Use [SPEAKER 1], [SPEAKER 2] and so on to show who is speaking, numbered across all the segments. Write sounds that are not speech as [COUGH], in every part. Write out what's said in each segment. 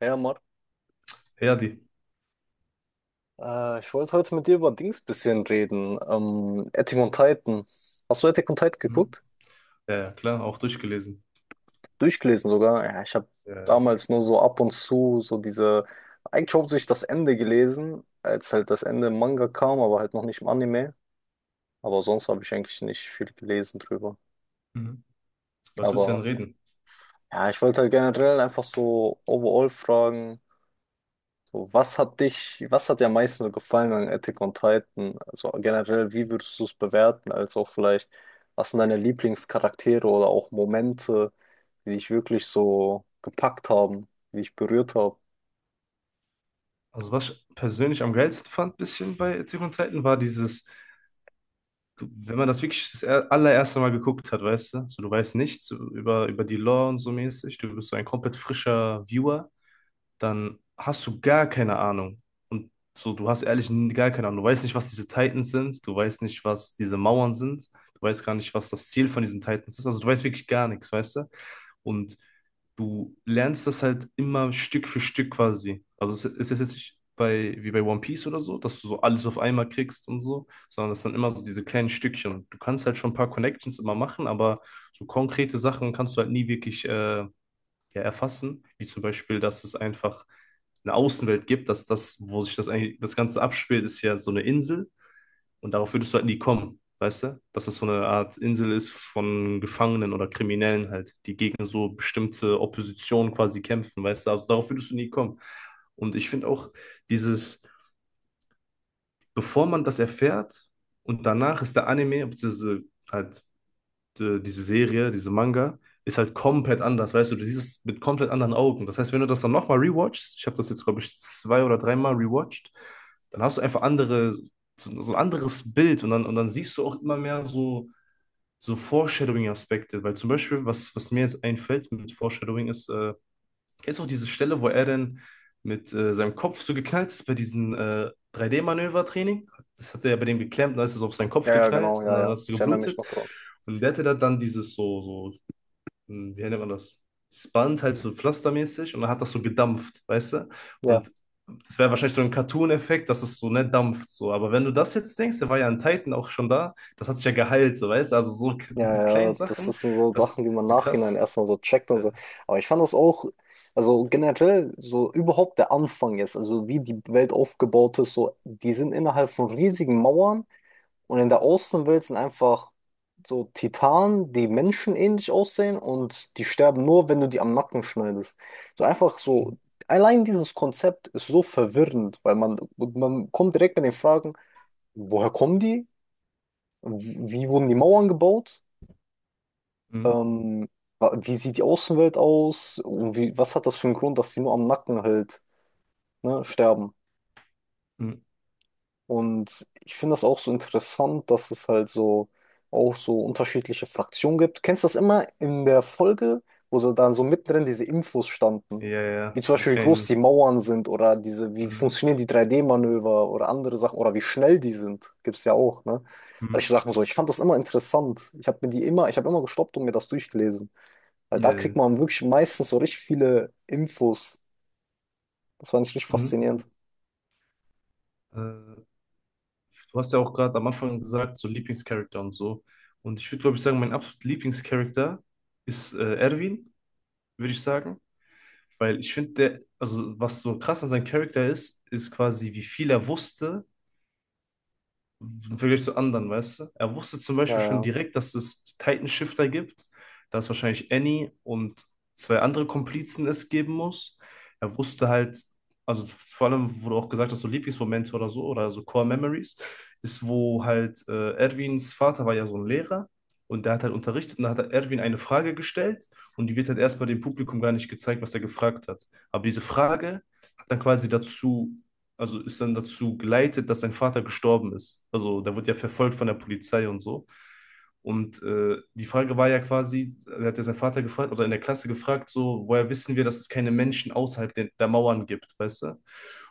[SPEAKER 1] Ja, Marc,
[SPEAKER 2] Ja, die.
[SPEAKER 1] ich wollte heute mit dir über Dings bisschen reden. Attack on Titan. Hast du Attack on Titan
[SPEAKER 2] Mhm.
[SPEAKER 1] geguckt?
[SPEAKER 2] Ja, ja, klar, auch durchgelesen.
[SPEAKER 1] Durchgelesen sogar. Ja, ich habe
[SPEAKER 2] Ja, ja.
[SPEAKER 1] damals nur so ab und zu so diese, eigentlich hauptsächlich das Ende gelesen, als halt das Ende im Manga kam, aber halt noch nicht im Anime. Aber sonst habe ich eigentlich nicht viel gelesen drüber.
[SPEAKER 2] Mhm. Was willst du denn
[SPEAKER 1] Aber
[SPEAKER 2] reden?
[SPEAKER 1] ja, ich wollte halt generell einfach so overall fragen. So, was hat dich, was hat dir am meisten so gefallen an Attack on Titan? Also generell, wie würdest du es bewerten? Als auch vielleicht, was sind deine Lieblingscharaktere oder auch Momente, die dich wirklich so gepackt haben, die dich berührt haben?
[SPEAKER 2] Also, was ich persönlich am geilsten fand, bisschen bei Zurück in Zeiten, war dieses, du, wenn man das wirklich allererste Mal geguckt hat, weißt du, so du weißt nichts so über die Lore und so mäßig, du bist so ein komplett frischer Viewer, dann hast du gar keine Ahnung. Und so, du hast ehrlich gar keine Ahnung. Du weißt nicht, was diese Titans sind, du weißt nicht, was diese Mauern sind, du weißt gar nicht, was das Ziel von diesen Titans ist. Also, du weißt wirklich gar nichts, weißt du? Und du lernst das halt immer Stück für Stück quasi. Also es ist jetzt nicht bei, wie bei One Piece oder so, dass du so alles auf einmal kriegst und so, sondern es sind immer so diese kleinen Stückchen. Du kannst halt schon ein paar Connections immer machen, aber so konkrete Sachen kannst du halt nie wirklich ja, erfassen, wie zum Beispiel, dass es einfach eine Außenwelt gibt, dass das, wo sich das eigentlich, das Ganze abspielt, ist ja so eine Insel und darauf würdest du halt nie kommen, weißt du? Dass das so eine Art Insel ist von Gefangenen oder Kriminellen halt, die gegen so bestimmte Opposition quasi kämpfen, weißt du? Also darauf würdest du nie kommen. Und ich finde auch dieses, bevor man das erfährt und danach ist der Anime, beziehungsweise halt diese Serie, diese Manga, ist halt komplett anders, weißt du, du siehst es mit komplett anderen Augen. Das heißt, wenn du das dann nochmal rewatchst, ich habe das jetzt, glaube ich, zwei oder dreimal rewatcht, dann hast du einfach andere, so ein anderes Bild und dann siehst du auch immer mehr so Foreshadowing-Aspekte, weil zum Beispiel, was mir jetzt einfällt mit Foreshadowing ist. Kennst du auch diese Stelle, wo er denn mit seinem Kopf so geknallt ist bei diesem 3D-Manövertraining? Das hat er ja bei dem geklemmt, dann ist es auf seinen Kopf
[SPEAKER 1] Ja, ja, genau,
[SPEAKER 2] geknallt und
[SPEAKER 1] ja,
[SPEAKER 2] dann
[SPEAKER 1] ja.
[SPEAKER 2] hat es so
[SPEAKER 1] Ich erinnere mich
[SPEAKER 2] geblutet.
[SPEAKER 1] noch dran.
[SPEAKER 2] Und der hatte da dann dieses so, wie nennt man das? Das Band halt so pflastermäßig und dann hat das so gedampft, weißt du?
[SPEAKER 1] Ja,
[SPEAKER 2] Und das wäre wahrscheinlich so ein Cartoon-Effekt, dass es so nicht dampft, so. Aber wenn du das jetzt denkst, der war ja in Titan auch schon da, das hat sich ja geheilt, so, weißt du? Also so
[SPEAKER 1] ja,
[SPEAKER 2] diese
[SPEAKER 1] ja,
[SPEAKER 2] kleinen
[SPEAKER 1] das sind
[SPEAKER 2] Sachen,
[SPEAKER 1] so
[SPEAKER 2] das
[SPEAKER 1] Sachen, die man
[SPEAKER 2] so
[SPEAKER 1] nachhinein
[SPEAKER 2] krass.
[SPEAKER 1] erstmal so checkt und so.
[SPEAKER 2] Äh,
[SPEAKER 1] Aber ich fand das auch, also generell, so überhaupt der Anfang jetzt, also wie die Welt aufgebaut ist, so, die sind innerhalb von riesigen Mauern. Und in der Außenwelt sind einfach so Titanen, die menschenähnlich aussehen und die sterben nur, wenn du die am Nacken schneidest. So einfach so, allein dieses Konzept ist so verwirrend, weil man kommt direkt mit den Fragen, woher kommen die? Wie wurden die Mauern gebaut?
[SPEAKER 2] mm,
[SPEAKER 1] Ähm, wie sieht die Außenwelt aus? Und wie, was hat das für einen Grund, dass die nur am Nacken halt, ne, sterben?
[SPEAKER 2] mm.
[SPEAKER 1] Und ich finde das auch so interessant, dass es halt so auch so unterschiedliche Fraktionen gibt. Kennst du das immer in der Folge, wo so dann so mittendrin diese Infos standen?
[SPEAKER 2] Ja,
[SPEAKER 1] Wie
[SPEAKER 2] ja,
[SPEAKER 1] zum
[SPEAKER 2] diese
[SPEAKER 1] Beispiel, wie groß
[SPEAKER 2] kleinen.
[SPEAKER 1] die Mauern sind oder diese, wie
[SPEAKER 2] Mhm.
[SPEAKER 1] funktionieren die 3D-Manöver oder andere Sachen oder wie schnell die sind, gibt es ja auch, ne?
[SPEAKER 2] Mhm.
[SPEAKER 1] Solche Sachen so. Ich fand das immer interessant. Ich habe mir die immer, ich habe immer gestoppt und mir das durchgelesen. Weil da kriegt
[SPEAKER 2] Äh,
[SPEAKER 1] man wirklich meistens so richtig viele Infos. Das war ich richtig
[SPEAKER 2] mhm.
[SPEAKER 1] faszinierend.
[SPEAKER 2] Äh, Du hast ja auch gerade am Anfang gesagt, so Lieblingscharakter und so. Und ich würde, glaube ich, sagen, mein absolut Lieblingscharakter ist Erwin, würde ich sagen. Weil ich finde, der, also was so krass an seinem Charakter ist, ist quasi, wie viel er wusste im Vergleich zu anderen, weißt du? Er wusste zum
[SPEAKER 1] Ja,
[SPEAKER 2] Beispiel schon
[SPEAKER 1] ja.
[SPEAKER 2] direkt, dass es Titan Shifter gibt, dass wahrscheinlich Annie und zwei andere Komplizen es geben muss. Er wusste halt, also vor allem, wo du auch gesagt hast, so Lieblingsmomente oder so Core Memories, ist, wo halt Erwins Vater war ja so ein Lehrer und der hat halt unterrichtet und da hat er Erwin eine Frage gestellt und die wird halt erstmal dem Publikum gar nicht gezeigt, was er gefragt hat. Aber diese Frage hat dann quasi dazu also ist dann dazu geleitet, dass sein Vater gestorben ist. Also der wird ja verfolgt von der Polizei und so. Und die Frage war ja quasi, er hat ja seinen Vater gefragt oder in der Klasse gefragt, so, woher wissen wir, dass es keine Menschen außerhalb der Mauern gibt, weißt du?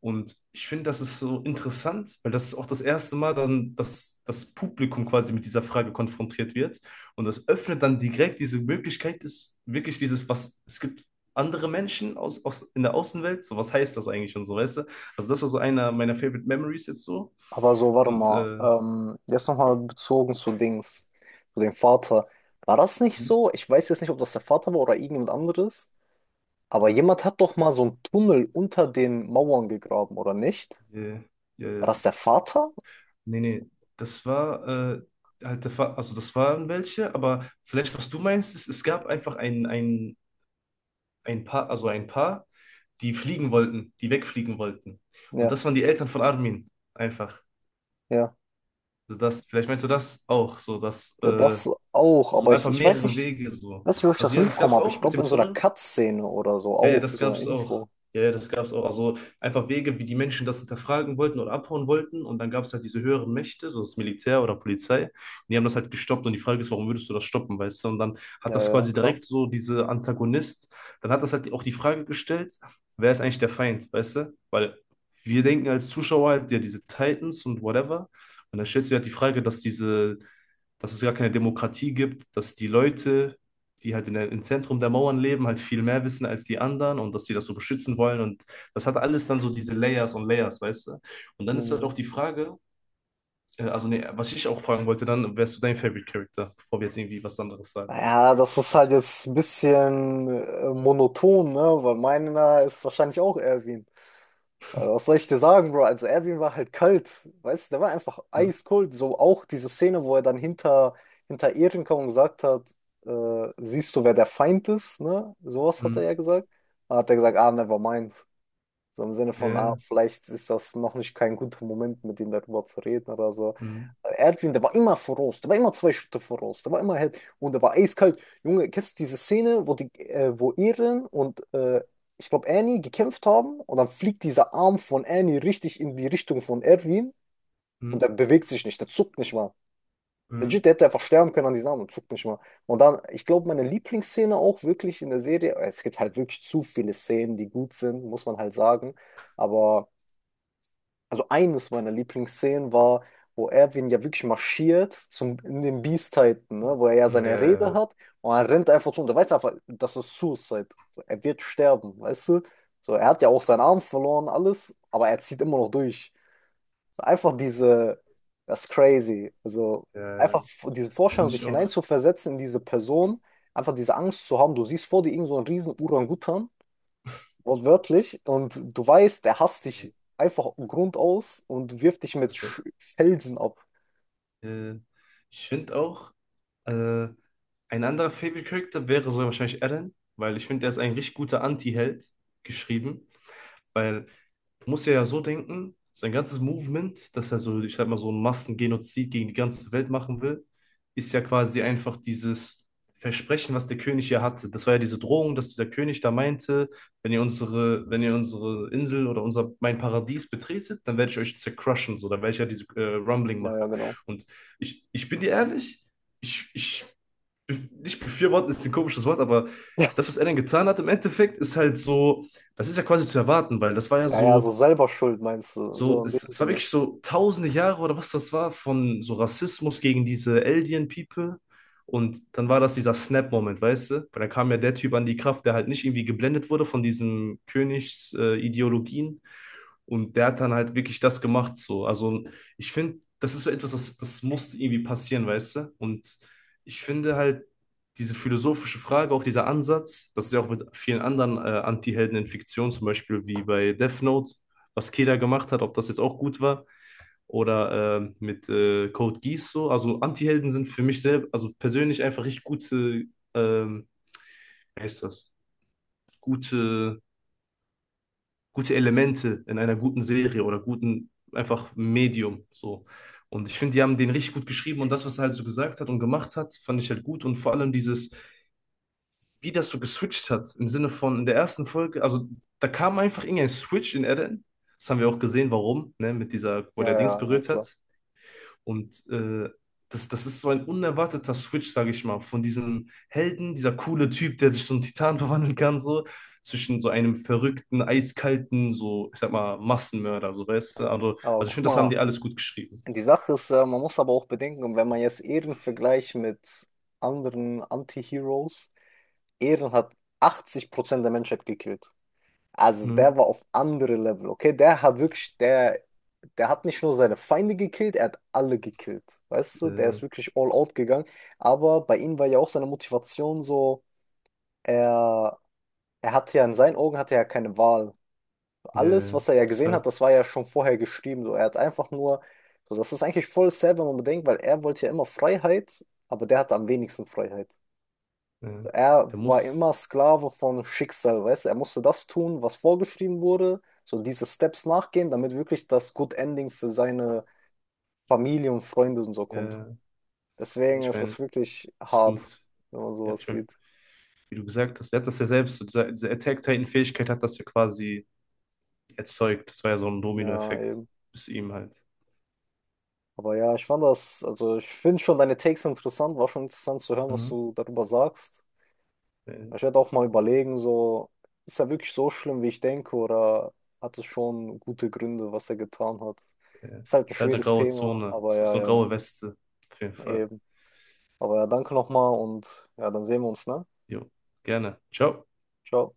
[SPEAKER 2] Und ich finde, das ist so interessant, weil das ist auch das erste Mal dann, dass das Publikum quasi mit dieser Frage konfrontiert wird. Und das öffnet dann direkt diese Möglichkeit, ist wirklich dieses, was, es gibt andere Menschen in der Außenwelt, so was heißt das eigentlich und so, weißt du? Also das war so einer meiner Favorite Memories jetzt so.
[SPEAKER 1] Aber so, warte
[SPEAKER 2] Und
[SPEAKER 1] mal,
[SPEAKER 2] äh,
[SPEAKER 1] jetzt nochmal bezogen zu Dings, zu dem Vater. War das nicht so? Ich weiß jetzt nicht, ob das der Vater war oder irgendjemand anderes, aber jemand hat doch mal so einen Tunnel unter den Mauern gegraben, oder nicht?
[SPEAKER 2] äh,
[SPEAKER 1] War
[SPEAKER 2] äh,
[SPEAKER 1] das der Vater?
[SPEAKER 2] nee, nee, das war äh, halt der Fa also das waren welche, aber vielleicht was du meinst, ist, es gab einfach ein Paar, also ein Paar, die fliegen wollten, die wegfliegen wollten. Und
[SPEAKER 1] Ja,
[SPEAKER 2] das waren die Eltern von Armin, einfach.
[SPEAKER 1] ja,
[SPEAKER 2] So das, vielleicht meinst du das auch, so dass
[SPEAKER 1] ja, das auch,
[SPEAKER 2] so
[SPEAKER 1] aber ich,
[SPEAKER 2] einfach
[SPEAKER 1] ich
[SPEAKER 2] mehrere Wege so.
[SPEAKER 1] weiß nicht, wo ich
[SPEAKER 2] Also
[SPEAKER 1] das
[SPEAKER 2] ja, das gab
[SPEAKER 1] mitbekommen
[SPEAKER 2] es
[SPEAKER 1] habe. Ich
[SPEAKER 2] auch mit
[SPEAKER 1] glaube,
[SPEAKER 2] dem
[SPEAKER 1] in so einer
[SPEAKER 2] Tunnel,
[SPEAKER 1] Cut-Szene oder so
[SPEAKER 2] ja, ja,
[SPEAKER 1] auch,
[SPEAKER 2] das
[SPEAKER 1] so eine
[SPEAKER 2] gab's auch.
[SPEAKER 1] Info.
[SPEAKER 2] Ja, ja, das gab's auch. Also einfach Wege, wie die Menschen das hinterfragen wollten oder abhauen wollten. Und dann gab's halt diese höheren Mächte, so das Militär oder Polizei. Die haben das halt gestoppt. Und die Frage ist, warum würdest du das stoppen, weißt du? Und dann hat
[SPEAKER 1] Ja,
[SPEAKER 2] das
[SPEAKER 1] ja,
[SPEAKER 2] quasi
[SPEAKER 1] klar.
[SPEAKER 2] direkt so diese Antagonist, dann hat das halt auch die Frage gestellt, wer ist eigentlich der Feind, weißt du? Weil wir denken als Zuschauer halt, ja, diese Titans und whatever. Und dann stellst du dir halt die Frage, dass es gar keine Demokratie gibt, dass die Leute, die halt im Zentrum der Mauern leben, halt viel mehr wissen als die anderen und dass die das so beschützen wollen. Und das hat alles dann so diese Layers und Layers, weißt du? Und dann ist halt auch
[SPEAKER 1] Mhm.
[SPEAKER 2] die Frage, also nee, was ich auch fragen wollte, dann wärst du dein Favorite Character, bevor wir jetzt irgendwie was anderes sagen.
[SPEAKER 1] Ja, das ist halt jetzt ein bisschen monoton, ne? Weil meiner ist wahrscheinlich auch Erwin. Also, was soll ich dir sagen, Bro? Also Erwin war halt kalt, weißt du, der war einfach
[SPEAKER 2] Hm,
[SPEAKER 1] eiskalt. So auch diese Szene, wo er dann hinter, hinter Ehren kam und gesagt hat, siehst du, wer der Feind ist, ne? Sowas hat
[SPEAKER 2] hm,
[SPEAKER 1] er ja gesagt. Da hat er gesagt, ah, never mind. So im Sinne von, ah,
[SPEAKER 2] ja,
[SPEAKER 1] vielleicht ist das noch nicht kein guter Moment, mit ihm darüber zu reden oder so.
[SPEAKER 2] hm,
[SPEAKER 1] Erdwin, der war immer voraus, der war immer zwei Schritte voraus, der war immer halt, und der war eiskalt. Junge, kennst du diese Szene, wo die, wo Eren und ich glaube Annie gekämpft haben und dann fliegt dieser Arm von Annie richtig in die Richtung von Erdwin und
[SPEAKER 2] hm,
[SPEAKER 1] der bewegt sich nicht, der zuckt nicht mal.
[SPEAKER 2] hm,
[SPEAKER 1] Legit, der hätte einfach sterben können an diesem Arm und zuckt nicht mal. Und dann, ich glaube, meine Lieblingsszene auch wirklich in der Serie, es gibt halt wirklich zu viele Szenen, die gut sind, muss man halt sagen. Aber also eines meiner Lieblingsszenen war, wo Erwin ja wirklich marschiert zum, in den Beast-Titan, ne? Wo er ja
[SPEAKER 2] hm. Ja,
[SPEAKER 1] seine
[SPEAKER 2] ja,
[SPEAKER 1] Rede
[SPEAKER 2] ja,
[SPEAKER 1] hat und er rennt einfach zu und er weiß einfach, das ist Suicide. So, er wird sterben, weißt du? So, er hat ja auch seinen Arm verloren, alles, aber er zieht immer noch durch. So, einfach diese, das ist crazy. Also
[SPEAKER 2] ja,
[SPEAKER 1] einfach
[SPEAKER 2] ja.
[SPEAKER 1] diese
[SPEAKER 2] Finde
[SPEAKER 1] Vorstellung, sich
[SPEAKER 2] ich auch.
[SPEAKER 1] hineinzuversetzen in diese Person, einfach diese Angst zu haben, du siehst vor dir irgend so einen riesen Orangutan wortwörtlich. Und du weißt, er hasst
[SPEAKER 2] Ja,
[SPEAKER 1] dich einfach grundaus und wirft dich mit
[SPEAKER 2] Das,
[SPEAKER 1] Sch Felsen ab.
[SPEAKER 2] Äh, ich finde auch, äh, ein anderer Favorite Character wäre so wahrscheinlich Eren, weil ich finde, er ist ein richtig guter Anti-Held geschrieben, weil muss ja so denken, sein ganzes Movement, dass er so, ich sag mal, so einen Massengenozid gegen die ganze Welt machen will, ist ja quasi einfach dieses Versprechen, was der König ja hatte. Das war ja diese Drohung, dass dieser König da meinte, wenn ihr unsere Insel oder unser, mein Paradies betretet, dann werde ich euch zercrushen, so, dann werde ich ja diese Rumbling
[SPEAKER 1] Ja, ja,
[SPEAKER 2] machen.
[SPEAKER 1] genau.
[SPEAKER 2] Und ich bin dir ehrlich, ich, ich, nicht befürworten ist ein komisches Wort, aber das,
[SPEAKER 1] [LAUGHS]
[SPEAKER 2] was er dann getan hat, im Endeffekt ist halt so, das ist ja quasi zu erwarten, weil das war ja
[SPEAKER 1] Ja, ja, so
[SPEAKER 2] so
[SPEAKER 1] selber schuld meinst du, so
[SPEAKER 2] so,
[SPEAKER 1] in dem
[SPEAKER 2] es war
[SPEAKER 1] Sinne.
[SPEAKER 2] wirklich so tausende Jahre oder was das war von so Rassismus gegen diese Alien People. Und dann war das dieser Snap-Moment, weißt du? Weil dann kam ja der Typ an die Kraft, der halt nicht irgendwie geblendet wurde von diesen Königsideologien. Ideologien. Und der hat dann halt wirklich das gemacht, so. Also, ich finde, das ist so etwas, das musste irgendwie passieren, weißt du? Und ich finde halt, diese philosophische Frage, auch dieser Ansatz, das ist ja auch mit vielen anderen Antihelden in Fiktion, zum Beispiel wie bei Death Note, was Keda gemacht hat, ob das jetzt auch gut war oder mit Code Geass so. Also Antihelden sind für mich selber, also persönlich einfach richtig gute, ähm, wie heißt das, gute, gute Elemente in einer guten Serie oder guten, einfach Medium so. Und ich finde, die haben den richtig gut geschrieben und das, was er halt so gesagt hat und gemacht hat, fand ich halt gut. Und vor allem dieses, wie das so geswitcht hat, im Sinne von in der ersten Folge, also da kam einfach irgendein Switch in Eren. Das haben wir auch gesehen, warum, ne, mit dieser, wo
[SPEAKER 1] Ja,
[SPEAKER 2] der Dings
[SPEAKER 1] ja, ja,
[SPEAKER 2] berührt
[SPEAKER 1] klar.
[SPEAKER 2] hat. Und das ist so ein unerwarteter Switch, sage ich mal, von diesem Helden, dieser coole Typ, der sich so einen Titan [LAUGHS] verwandeln kann, so, zwischen so einem verrückten, eiskalten, so, ich sag mal, Massenmörder, so, weißt du? Also,
[SPEAKER 1] Aber
[SPEAKER 2] ich
[SPEAKER 1] guck
[SPEAKER 2] finde, das haben
[SPEAKER 1] mal,
[SPEAKER 2] die alles gut geschrieben.
[SPEAKER 1] die Sache ist, man muss aber auch bedenken, wenn man jetzt Eren vergleicht mit anderen Anti-Heroes, Eren hat 80% der Menschheit gekillt. Also der
[SPEAKER 2] Mhm.
[SPEAKER 1] war auf andere Level, okay? Der hat wirklich, der hat nicht nur seine Feinde gekillt, er hat alle gekillt. Weißt du, der
[SPEAKER 2] Äh,
[SPEAKER 1] ist wirklich all out gegangen. Aber bei ihm war ja auch seine Motivation so, er, er hatte ja in seinen Augen hatte er ja keine Wahl. Alles,
[SPEAKER 2] ja,
[SPEAKER 1] was er ja gesehen hat,
[SPEAKER 2] deshalb,
[SPEAKER 1] das war ja schon vorher geschrieben. So, er hat einfach nur, so, das ist eigentlich voll sad, wenn man bedenkt, weil er wollte ja immer Freiheit, aber der hatte am wenigsten Freiheit.
[SPEAKER 2] äh,
[SPEAKER 1] Er
[SPEAKER 2] der
[SPEAKER 1] war
[SPEAKER 2] muss,
[SPEAKER 1] immer Sklave von Schicksal, weißt du? Er musste das tun, was vorgeschrieben wurde, so diese Steps nachgehen, damit wirklich das Good Ending für seine Familie und Freunde und so kommt.
[SPEAKER 2] äh, ja,
[SPEAKER 1] Deswegen
[SPEAKER 2] ich
[SPEAKER 1] ist
[SPEAKER 2] meine,
[SPEAKER 1] das wirklich
[SPEAKER 2] ist
[SPEAKER 1] hart,
[SPEAKER 2] gut.
[SPEAKER 1] wenn man
[SPEAKER 2] Ja,
[SPEAKER 1] sowas
[SPEAKER 2] ich meine,
[SPEAKER 1] sieht.
[SPEAKER 2] wie du gesagt hast, der hat das ja selbst, so diese Attack-Titan-Fähigkeit hat das ja quasi erzeugt. Das war ja so ein
[SPEAKER 1] Ja,
[SPEAKER 2] Domino-Effekt
[SPEAKER 1] eben.
[SPEAKER 2] bis ihm halt.
[SPEAKER 1] Aber ja, ich fand das, also ich finde schon deine Takes interessant, war schon interessant zu hören, was
[SPEAKER 2] Mhm.
[SPEAKER 1] du darüber sagst.
[SPEAKER 2] Ja.
[SPEAKER 1] Ich werde auch mal überlegen, so, ist er wirklich so schlimm, wie ich denke, oder hat es schon gute Gründe, was er getan hat?
[SPEAKER 2] Ja.
[SPEAKER 1] Ist halt ein
[SPEAKER 2] Ist halt eine
[SPEAKER 1] schweres
[SPEAKER 2] graue
[SPEAKER 1] Thema,
[SPEAKER 2] Zone.
[SPEAKER 1] aber
[SPEAKER 2] Es ist
[SPEAKER 1] ja,
[SPEAKER 2] so eine
[SPEAKER 1] ja.
[SPEAKER 2] graue Weste. Auf jeden Fall.
[SPEAKER 1] Eben. Aber ja, danke nochmal und ja, dann sehen wir uns, ne?
[SPEAKER 2] Jo, gerne. Ciao.
[SPEAKER 1] Ciao.